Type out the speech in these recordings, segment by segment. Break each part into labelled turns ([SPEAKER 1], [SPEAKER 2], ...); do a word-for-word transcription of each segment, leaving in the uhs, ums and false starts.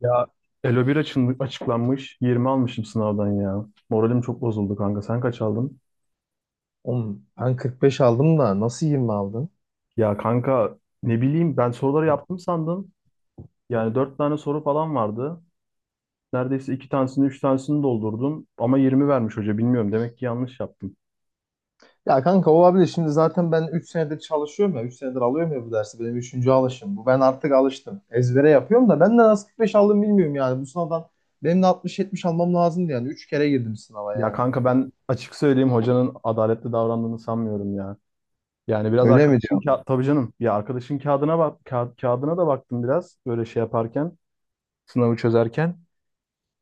[SPEAKER 1] Ya, Elo bir açın- açıklanmış. yirmi almışım sınavdan ya. Moralim çok bozuldu kanka. Sen kaç aldın?
[SPEAKER 2] Oğlum, ben kırk beş aldım da nasıl yirmi aldın?
[SPEAKER 1] Ya kanka ne bileyim, ben soruları yaptım sandım. Yani dört tane soru falan vardı. Neredeyse iki tanesini üç tanesini doldurdum. Ama yirmi vermiş hoca, bilmiyorum. Demek ki yanlış yaptım.
[SPEAKER 2] Ya kanka olabilir. Şimdi zaten ben üç senedir çalışıyorum ya. Üç senedir alıyorum ya bu dersi. Benim üçüncü alışım. Bu ben artık alıştım. Ezbere yapıyorum da ben de nasıl kırk beş aldım bilmiyorum yani. Bu sınavdan benim de altmış yetmiş almam lazımdı yani. Üç kere girdim sınava
[SPEAKER 1] Ya
[SPEAKER 2] yani.
[SPEAKER 1] kanka, ben açık söyleyeyim, hocanın adaletli davrandığını sanmıyorum ya. Yani biraz
[SPEAKER 2] Öyle mi
[SPEAKER 1] arkadaşın
[SPEAKER 2] diyor?
[SPEAKER 1] ka- tabii canım ya, arkadaşın kağıdına bak ka- kağıdına da baktım biraz, böyle şey yaparken, sınavı çözerken.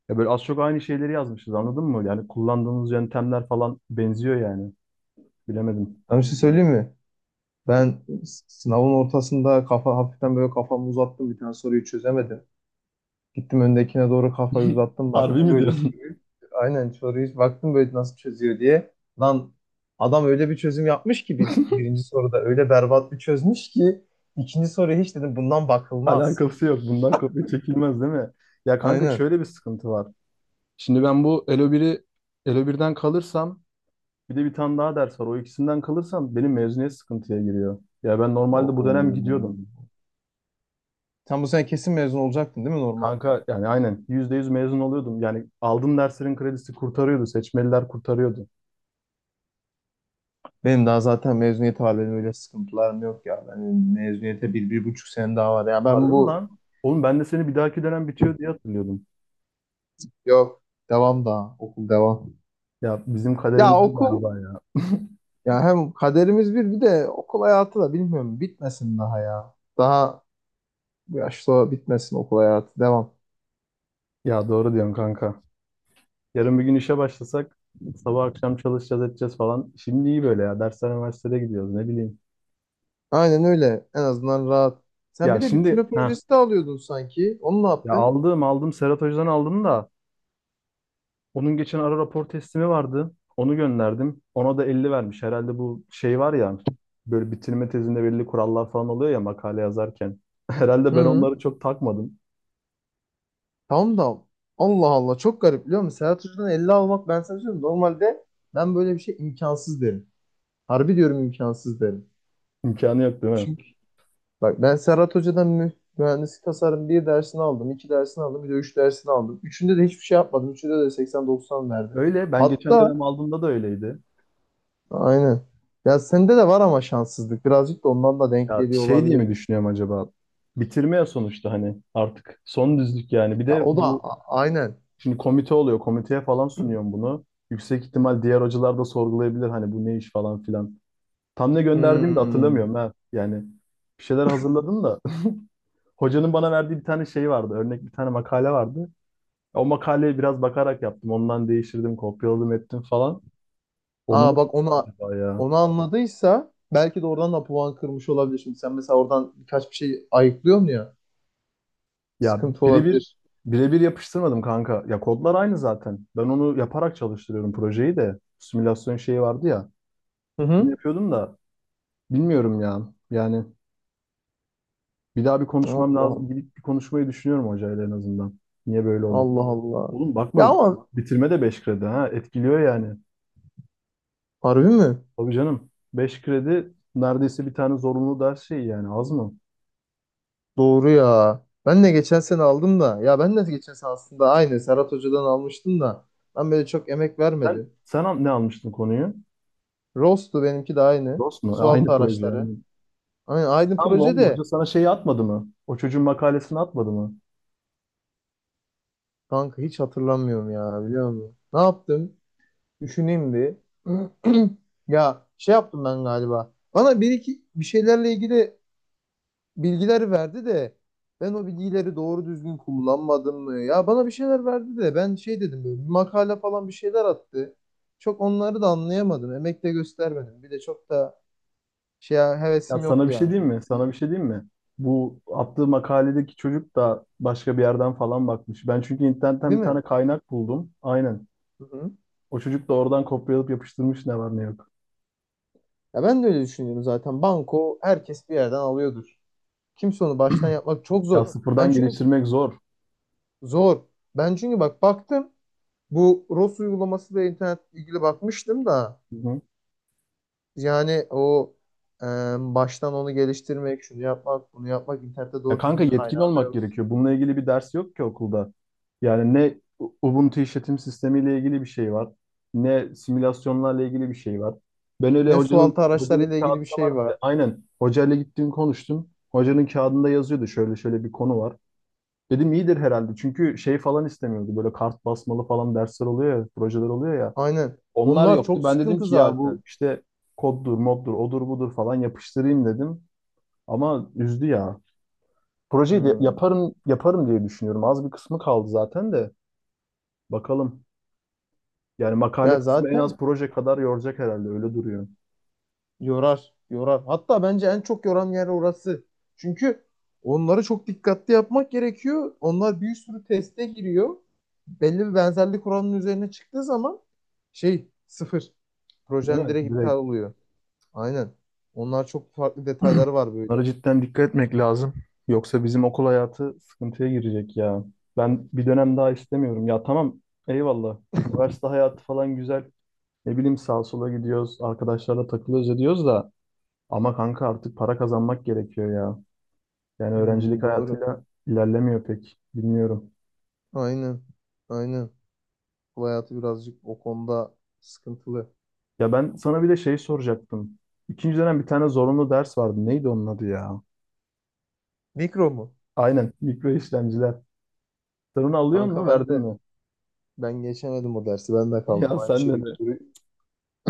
[SPEAKER 1] Ya böyle az çok aynı şeyleri yazmışız, anladın mı? Yani kullandığımız yöntemler falan benziyor yani. Bilemedim.
[SPEAKER 2] Ben bir şey söyleyeyim mi? Ben s- sınavın ortasında kafa hafiften böyle kafamı uzattım. Bir tane soruyu çözemedim. Gittim öndekine doğru kafayı uzattım.
[SPEAKER 1] Harbi
[SPEAKER 2] Baktım
[SPEAKER 1] mi
[SPEAKER 2] böyle
[SPEAKER 1] diyorsun?
[SPEAKER 2] soruyu. Aynen soruyu hiç baktım böyle nasıl çözüyor diye. Lan adam öyle bir çözüm yapmış ki bir, birinci soruda öyle berbat bir çözmüş ki ikinci soruya hiç dedim bundan bakılmaz.
[SPEAKER 1] Alakası yok. Bundan kopya çekilmez değil mi? Ya kanka,
[SPEAKER 2] Aynen.
[SPEAKER 1] şöyle bir sıkıntı var. Şimdi ben bu Elo biri, Elo birden kalırsam, bir de bir tane daha ders var. O ikisinden kalırsam benim mezuniyet sıkıntıya giriyor. Ya ben normalde bu
[SPEAKER 2] Oo.
[SPEAKER 1] dönem gidiyordum.
[SPEAKER 2] Sen bu sene kesin mezun olacaktın değil mi normalde?
[SPEAKER 1] Kanka yani aynen, yüzde yüz mezun oluyordum. Yani aldığım derslerin kredisi kurtarıyordu. Seçmeliler kurtarıyordu.
[SPEAKER 2] Benim daha zaten mezuniyet var. Benim öyle sıkıntılarım yok ya. Benim mezuniyete bir, bir buçuk sene daha var. Ya ben
[SPEAKER 1] Harbi mi
[SPEAKER 2] bu
[SPEAKER 1] lan? Oğlum, ben de seni bir dahaki dönem bitiyor diye hatırlıyordum.
[SPEAKER 2] yok. Devam daha. Okul devam.
[SPEAKER 1] Ya bizim
[SPEAKER 2] Ya
[SPEAKER 1] kaderimiz bu
[SPEAKER 2] okul
[SPEAKER 1] galiba ya.
[SPEAKER 2] Ya hem kaderimiz bir bir de okul hayatı da bilmiyorum bitmesin daha ya. Daha bu yaşta bitmesin okul hayatı devam.
[SPEAKER 1] Ya doğru diyorsun kanka. Yarın bir gün işe başlasak, sabah akşam çalışacağız edeceğiz falan. Şimdi iyi böyle ya. Dersler, üniversitede gidiyoruz, ne bileyim.
[SPEAKER 2] Aynen öyle en azından rahat. Sen
[SPEAKER 1] Ya
[SPEAKER 2] bir de
[SPEAKER 1] şimdi
[SPEAKER 2] bitirme
[SPEAKER 1] ha,
[SPEAKER 2] projesi de alıyordun sanki. Onu ne
[SPEAKER 1] ya
[SPEAKER 2] yaptın?
[SPEAKER 1] aldım aldım, Serhat Hoca'dan aldım da onun geçen ara rapor teslimi vardı. Onu gönderdim. Ona da elli vermiş. Herhalde bu şey var ya, böyle bitirme tezinde belli kurallar falan oluyor ya, makale yazarken. Herhalde ben
[SPEAKER 2] Hı.
[SPEAKER 1] onları çok takmadım.
[SPEAKER 2] Tamam da. Allah Allah, çok garip biliyor musun? Serhat Hoca'dan elli almak, ben sana söylüyorum. Normalde ben böyle bir şey imkansız derim. Harbi diyorum, imkansız derim.
[SPEAKER 1] İmkanı yok değil mi?
[SPEAKER 2] Çünkü bak ben Serhat Hoca'dan mü- mühendislik tasarım bir dersini aldım, iki dersini aldım, bir de üç dersini aldım. Üçünde de hiçbir şey yapmadım. Üçünde de seksen doksan verdi.
[SPEAKER 1] Öyle. Ben geçen
[SPEAKER 2] Hatta
[SPEAKER 1] dönem aldığımda da öyleydi.
[SPEAKER 2] aynen. Ya sende de var ama şanssızlık. Birazcık da ondan da denk
[SPEAKER 1] Ya
[SPEAKER 2] geliyor
[SPEAKER 1] şey diye
[SPEAKER 2] olabilir.
[SPEAKER 1] mi düşünüyorum acaba? Bitirme ya, sonuçta hani artık son düzlük yani. Bir
[SPEAKER 2] Ya
[SPEAKER 1] de
[SPEAKER 2] o da
[SPEAKER 1] bu
[SPEAKER 2] a- aynen.
[SPEAKER 1] şimdi komite oluyor. Komiteye falan sunuyorum bunu. Yüksek ihtimal diğer hocalar da sorgulayabilir hani, bu ne iş falan filan. Tam ne gönderdiğimi de
[SPEAKER 2] Hmm.
[SPEAKER 1] hatırlamıyorum ha. Yani bir şeyler hazırladım da. Hocanın bana verdiği bir tane şey vardı. Örnek bir tane makale vardı. O makaleye biraz bakarak yaptım. Ondan değiştirdim, kopyaladım, ettim falan. Onu
[SPEAKER 2] Aa
[SPEAKER 1] mu
[SPEAKER 2] bak, onu
[SPEAKER 1] acaba ya?
[SPEAKER 2] onu anladıysa belki de oradan da puan kırmış olabilir. Şimdi sen mesela oradan birkaç bir şey ayıklıyorsun ya.
[SPEAKER 1] Ya
[SPEAKER 2] Sıkıntı
[SPEAKER 1] birebir
[SPEAKER 2] olabilir.
[SPEAKER 1] birebir yapıştırmadım kanka. Ya kodlar aynı zaten. Ben onu yaparak çalıştırıyorum projeyi de. Simülasyon şeyi vardı ya.
[SPEAKER 2] Hı
[SPEAKER 1] Onu
[SPEAKER 2] hı.
[SPEAKER 1] yapıyordum da, bilmiyorum ya. Yani bir daha bir konuşmam
[SPEAKER 2] Allah
[SPEAKER 1] lazım. Gidip bir konuşmayı düşünüyorum hocayla en azından. Niye böyle oldu?
[SPEAKER 2] Allah Allah.
[SPEAKER 1] Oğlum
[SPEAKER 2] Ya
[SPEAKER 1] bakma,
[SPEAKER 2] ama
[SPEAKER 1] bitirme de beş kredi ha. Etkiliyor yani.
[SPEAKER 2] harbi mi?
[SPEAKER 1] Tabii canım. Beş kredi neredeyse bir tane zorunlu ders şeyi, yani az mı?
[SPEAKER 2] Doğru ya. Ben de geçen sene aldım da. Ya ben de geçen sene aslında aynı Serhat Hoca'dan almıştım da. Ben böyle çok emek
[SPEAKER 1] Sen
[SPEAKER 2] vermedim.
[SPEAKER 1] sen al- ne almıştın konuyu?
[SPEAKER 2] Rostu benimki de aynı.
[SPEAKER 1] DOS mu? E,
[SPEAKER 2] Sualtı
[SPEAKER 1] aynı proje
[SPEAKER 2] araçları.
[SPEAKER 1] yani.
[SPEAKER 2] Aynı, aynı
[SPEAKER 1] Tamam
[SPEAKER 2] proje
[SPEAKER 1] lan,
[SPEAKER 2] de.
[SPEAKER 1] hoca sana şeyi atmadı mı? O çocuğun makalesini atmadı mı?
[SPEAKER 2] Kanka hiç hatırlamıyorum ya, biliyor musun? Ne yaptım? Düşüneyim bir. Ya şey yaptım ben galiba. Bana bir iki bir şeylerle ilgili bilgiler verdi de ben o bilgileri doğru düzgün kullanmadım mı? Ya bana bir şeyler verdi de ben şey dedim, böyle bir makale falan bir şeyler attı. Çok onları da anlayamadım. Emek de göstermedim. Bir de çok da şey
[SPEAKER 1] Ya
[SPEAKER 2] hevesim
[SPEAKER 1] sana bir
[SPEAKER 2] yoktu
[SPEAKER 1] şey
[SPEAKER 2] yani şu
[SPEAKER 1] diyeyim mi?
[SPEAKER 2] bitirme.
[SPEAKER 1] Sana bir şey diyeyim mi? Bu attığı makaledeki çocuk da başka bir yerden falan bakmış. Ben çünkü internetten
[SPEAKER 2] Değil
[SPEAKER 1] bir
[SPEAKER 2] mi?
[SPEAKER 1] tane kaynak buldum. Aynen.
[SPEAKER 2] Hı-hı.
[SPEAKER 1] O çocuk da oradan kopyalayıp yapıştırmış, ne var ne yok.
[SPEAKER 2] Ya ben de öyle düşünüyorum zaten. Banko herkes bir yerden alıyordur. Kimse onu baştan yapmak çok
[SPEAKER 1] Ya
[SPEAKER 2] zor. Ben
[SPEAKER 1] sıfırdan
[SPEAKER 2] çünkü
[SPEAKER 1] geliştirmek zor.
[SPEAKER 2] zor. Ben çünkü bak baktım, bu ROS uygulaması ve internet ilgili bakmıştım da.
[SPEAKER 1] Hı hı.
[SPEAKER 2] Yani o, e, baştan onu geliştirmek, şunu yapmak, bunu yapmak, internette
[SPEAKER 1] Ya
[SPEAKER 2] doğru
[SPEAKER 1] kanka,
[SPEAKER 2] düzgün
[SPEAKER 1] yetkin
[SPEAKER 2] kaynağı da
[SPEAKER 1] olmak
[SPEAKER 2] yok.
[SPEAKER 1] gerekiyor. Bununla ilgili bir ders yok ki okulda. Yani ne U- Ubuntu işletim sistemiyle ilgili bir şey var. Ne simülasyonlarla ilgili bir şey var. Ben öyle,
[SPEAKER 2] Ne
[SPEAKER 1] hocanın
[SPEAKER 2] sualtı
[SPEAKER 1] hocanın
[SPEAKER 2] araçlarıyla ilgili bir
[SPEAKER 1] kağıdında
[SPEAKER 2] şey
[SPEAKER 1] vardı
[SPEAKER 2] var.
[SPEAKER 1] ya. Aynen. Hocayla gittim konuştum. Hocanın kağıdında yazıyordu şöyle şöyle bir konu var. Dedim iyidir herhalde. Çünkü şey falan istemiyordu. Böyle kart basmalı falan dersler oluyor ya, projeler oluyor ya.
[SPEAKER 2] Aynen.
[SPEAKER 1] Onlar
[SPEAKER 2] Onlar
[SPEAKER 1] yoktu.
[SPEAKER 2] çok
[SPEAKER 1] Ben dedim
[SPEAKER 2] sıkıntı
[SPEAKER 1] ki ya bu
[SPEAKER 2] zaten.
[SPEAKER 1] işte koddur, moddur, odur budur falan yapıştırayım dedim. Ama üzdü ya. Projeyi de
[SPEAKER 2] Hmm.
[SPEAKER 1] yaparım, yaparım diye düşünüyorum. Az bir kısmı kaldı zaten de. Bakalım. Yani makale
[SPEAKER 2] Ya
[SPEAKER 1] kısmı en az
[SPEAKER 2] zaten
[SPEAKER 1] proje kadar yoracak herhalde. Öyle duruyor.
[SPEAKER 2] yorar, yorar. Hatta bence en çok yoran yer orası. Çünkü onları çok dikkatli yapmak gerekiyor. Onlar bir sürü teste giriyor. Belli bir benzerlik oranının üzerine çıktığı zaman şey, sıfır.
[SPEAKER 1] Değil
[SPEAKER 2] Projen
[SPEAKER 1] mi?
[SPEAKER 2] direkt
[SPEAKER 1] Direkt.
[SPEAKER 2] iptal oluyor. Aynen. Onlar çok farklı detayları var
[SPEAKER 1] Bunlara
[SPEAKER 2] böyle.
[SPEAKER 1] cidden dikkat etmek lazım. Yoksa bizim okul hayatı sıkıntıya girecek ya. Ben bir dönem daha istemiyorum. Ya tamam, eyvallah. Üniversite hayatı falan güzel. Ne bileyim, sağa sola gidiyoruz. Arkadaşlarla takılıyoruz ediyoruz da. Ama kanka, artık para kazanmak gerekiyor ya. Yani öğrencilik
[SPEAKER 2] Hmm, doğru.
[SPEAKER 1] hayatıyla ilerlemiyor pek. Bilmiyorum.
[SPEAKER 2] Aynen. Aynen. Bu hayatı birazcık o konuda sıkıntılı.
[SPEAKER 1] Ya ben sana bir de şey soracaktım. İkinci dönem bir tane zorunlu ders vardı. Neydi onun adı ya?
[SPEAKER 2] Mikro mu?
[SPEAKER 1] Aynen, mikro işlemciler. Sen onu alıyor
[SPEAKER 2] Kanka
[SPEAKER 1] musun?
[SPEAKER 2] ben
[SPEAKER 1] Verdin
[SPEAKER 2] de
[SPEAKER 1] mi?
[SPEAKER 2] ben geçemedim o dersi. Ben de kaldım
[SPEAKER 1] Ya
[SPEAKER 2] aynı
[SPEAKER 1] sen de,
[SPEAKER 2] şekilde. duruyor-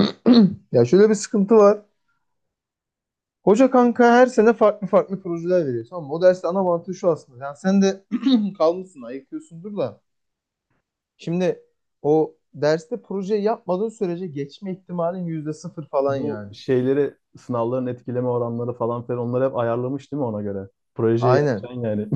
[SPEAKER 2] Ya şöyle bir sıkıntı var. Hoca kanka her sene farklı farklı projeler veriyor. Tamam mı? O derste ana mantığı şu aslında. Yani sen de kalmışsın, ayıkıyorsundur da. Şimdi o derste proje yapmadığın sürece geçme ihtimalin yüzde sıfır falan
[SPEAKER 1] bu
[SPEAKER 2] yani.
[SPEAKER 1] şeyleri, sınavların etkileme oranları falan filan, onları hep ayarlamış değil mi ona göre? Projeyi
[SPEAKER 2] Aynen.
[SPEAKER 1] yapacaksın yani.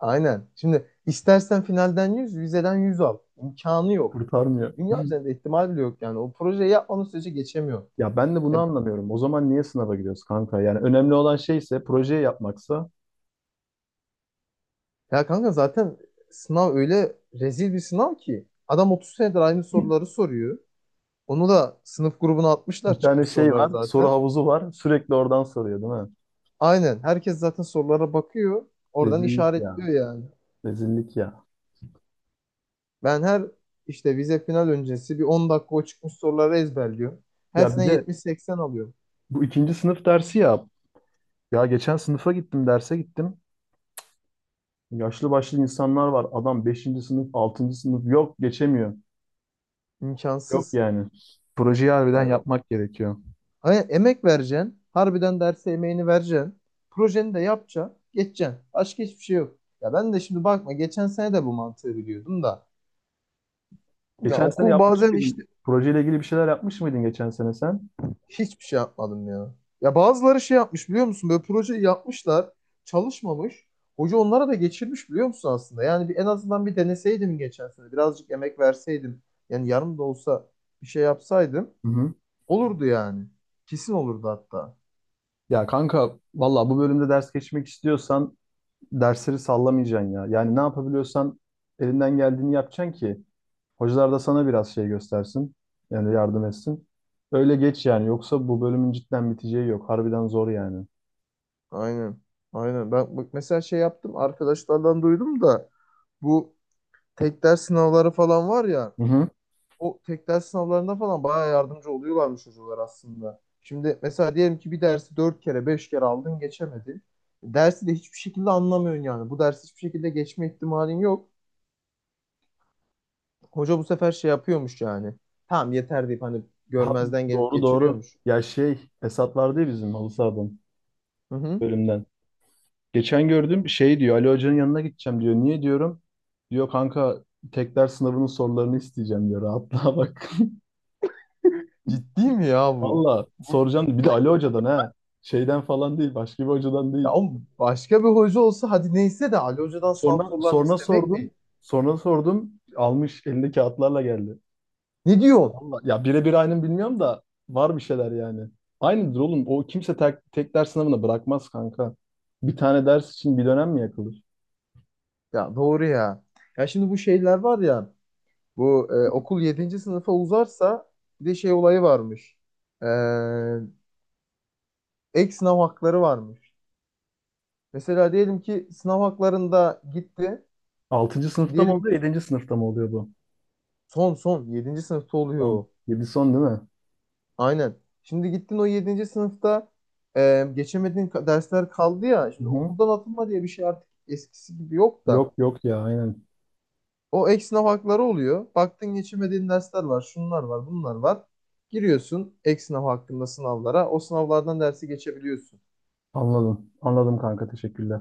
[SPEAKER 2] Aynen. Şimdi istersen finalden yüz, vizeden yüz al. İmkanı yok.
[SPEAKER 1] Kurtarmıyor.
[SPEAKER 2] Dünya üzerinde ihtimal bile yok yani. O projeyi yapmanın sürece geçemiyor.
[SPEAKER 1] Ya ben de bunu
[SPEAKER 2] Ya,
[SPEAKER 1] anlamıyorum. O zaman niye sınava giriyoruz kanka? Yani önemli olan şeyse, projeyi yapmaksa.
[SPEAKER 2] ya kanka zaten sınav öyle rezil bir sınav ki. Adam otuz senedir aynı soruları soruyor. Onu da sınıf grubuna atmışlar,
[SPEAKER 1] Bir tane
[SPEAKER 2] çıkmış
[SPEAKER 1] şey
[SPEAKER 2] soruları
[SPEAKER 1] var, soru
[SPEAKER 2] zaten.
[SPEAKER 1] havuzu var. Sürekli oradan soruyor değil mi?
[SPEAKER 2] Aynen. Herkes zaten sorulara bakıyor. Oradan
[SPEAKER 1] Rezillik ya.
[SPEAKER 2] işaretliyor yani.
[SPEAKER 1] Rezillik ya.
[SPEAKER 2] Ben her işte vize final öncesi bir on dakika o çıkmış soruları ezberliyorum. Her
[SPEAKER 1] Ya bir
[SPEAKER 2] sene
[SPEAKER 1] de
[SPEAKER 2] yetmiş seksen alıyorum.
[SPEAKER 1] bu ikinci sınıf dersi ya. Ya geçen sınıfa gittim, derse gittim. Yaşlı başlı insanlar var. Adam beşinci sınıf, altıncı sınıf. Yok, geçemiyor. Yok
[SPEAKER 2] İmkansız.
[SPEAKER 1] yani. Projeyi harbiden
[SPEAKER 2] Yani
[SPEAKER 1] yapmak gerekiyor.
[SPEAKER 2] aynen, emek vereceksin. Harbiden derse emeğini vereceksin. Projeni de yapacaksın. Geçeceksin. Başka hiçbir şey yok. Ya ben de şimdi bakma, geçen sene de bu mantığı biliyordum da. Ya
[SPEAKER 1] Geçen sene
[SPEAKER 2] okul
[SPEAKER 1] yapmış
[SPEAKER 2] bazen
[SPEAKER 1] mıydın?
[SPEAKER 2] işte
[SPEAKER 1] Projeyle ilgili bir şeyler yapmış mıydın geçen sene sen?
[SPEAKER 2] hiçbir şey yapmadım ya. Ya bazıları şey yapmış, biliyor musun? Böyle projeyi yapmışlar. Çalışmamış. Hoca onlara da geçirmiş, biliyor musun aslında? Yani bir, en azından bir deneseydim geçen sene. Birazcık emek verseydim. Yani yarım da olsa bir şey yapsaydım.
[SPEAKER 1] Hı hı.
[SPEAKER 2] Olurdu yani. Kesin olurdu hatta.
[SPEAKER 1] Ya kanka valla, bu bölümde ders geçmek istiyorsan dersleri sallamayacaksın ya. Yani ne yapabiliyorsan, elinden geldiğini yapacaksın ki hocalar da sana biraz şey göstersin. Yani yardım etsin. Öyle geç, yani yoksa bu bölümün cidden biteceği yok. Harbiden zor yani.
[SPEAKER 2] Aynen. Aynen. Ben bak mesela şey yaptım, arkadaşlardan duydum da bu tek ders sınavları falan var ya,
[SPEAKER 1] Hı hı.
[SPEAKER 2] o tek ders sınavlarında falan bayağı yardımcı oluyorlarmış çocuklar aslında. Şimdi mesela diyelim ki bir dersi dört kere beş kere aldın, geçemedin. Dersi de hiçbir şekilde anlamıyorsun yani. Bu dersi hiçbir şekilde geçme ihtimalin yok. Hoca bu sefer şey yapıyormuş yani. Tamam yeter deyip hani,
[SPEAKER 1] Ha,
[SPEAKER 2] görmezden gelip
[SPEAKER 1] doğru doğru.
[SPEAKER 2] geçiriyormuş.
[SPEAKER 1] Ya şey, Esat vardı ya, bizim halı sahadan,
[SPEAKER 2] Hı hı.
[SPEAKER 1] bölümden. Geçen gördüm, şey diyor, Ali Hoca'nın yanına gideceğim diyor. Niye diyorum? Diyor kanka, tekrar sınavının sorularını isteyeceğim diyor. Rahatlığa bak.
[SPEAKER 2] Ciddi mi ya bu?
[SPEAKER 1] Valla soracağım. Bir de Ali Hoca'dan ha. Şeyden falan değil. Başka bir hocadan
[SPEAKER 2] Ya
[SPEAKER 1] değil.
[SPEAKER 2] o başka bir hoca olsa hadi neyse de, Ali Hoca'dan sınav
[SPEAKER 1] Sonra,
[SPEAKER 2] sorularını
[SPEAKER 1] sonra
[SPEAKER 2] istemek
[SPEAKER 1] sordum.
[SPEAKER 2] ne.
[SPEAKER 1] Sonra sordum. Almış elinde kağıtlarla geldi.
[SPEAKER 2] Ne diyor?
[SPEAKER 1] Allah- Ya birebir aynı mı bilmiyorum da, var bir şeyler yani. Aynıdır oğlum. O kimse tek, tek ders sınavına bırakmaz kanka. Bir tane ders için bir dönem mi yakılır?
[SPEAKER 2] Ya doğru ya. Ya şimdi bu şeyler var ya. Bu e, okul yedinci sınıfa uzarsa bir de şey olayı varmış. E, Ek sınav hakları varmış. Mesela diyelim ki sınav haklarında gitti.
[SPEAKER 1] Altıncı sınıfta mı
[SPEAKER 2] Diyelim
[SPEAKER 1] oluyor,
[SPEAKER 2] ki
[SPEAKER 1] yedinci sınıfta mı oluyor bu?
[SPEAKER 2] son son yedinci sınıfta oluyor.
[SPEAKER 1] Son.
[SPEAKER 2] o.
[SPEAKER 1] Yedi son değil mi?
[SPEAKER 2] Aynen. Şimdi gittin o yedinci sınıfta e, geçemediğin ka- dersler kaldı ya. Şimdi
[SPEAKER 1] Hı-hı.
[SPEAKER 2] okuldan atılma diye bir şey artık eskisi gibi yok
[SPEAKER 1] Yok
[SPEAKER 2] da.
[SPEAKER 1] yok ya aynen.
[SPEAKER 2] O ek sınav hakları oluyor. Baktın, geçirmediğin dersler var, şunlar var, bunlar var. Giriyorsun ek sınav hakkında sınavlara. O sınavlardan dersi geçebiliyorsun.
[SPEAKER 1] Anladım. Anladım kanka, teşekkürler.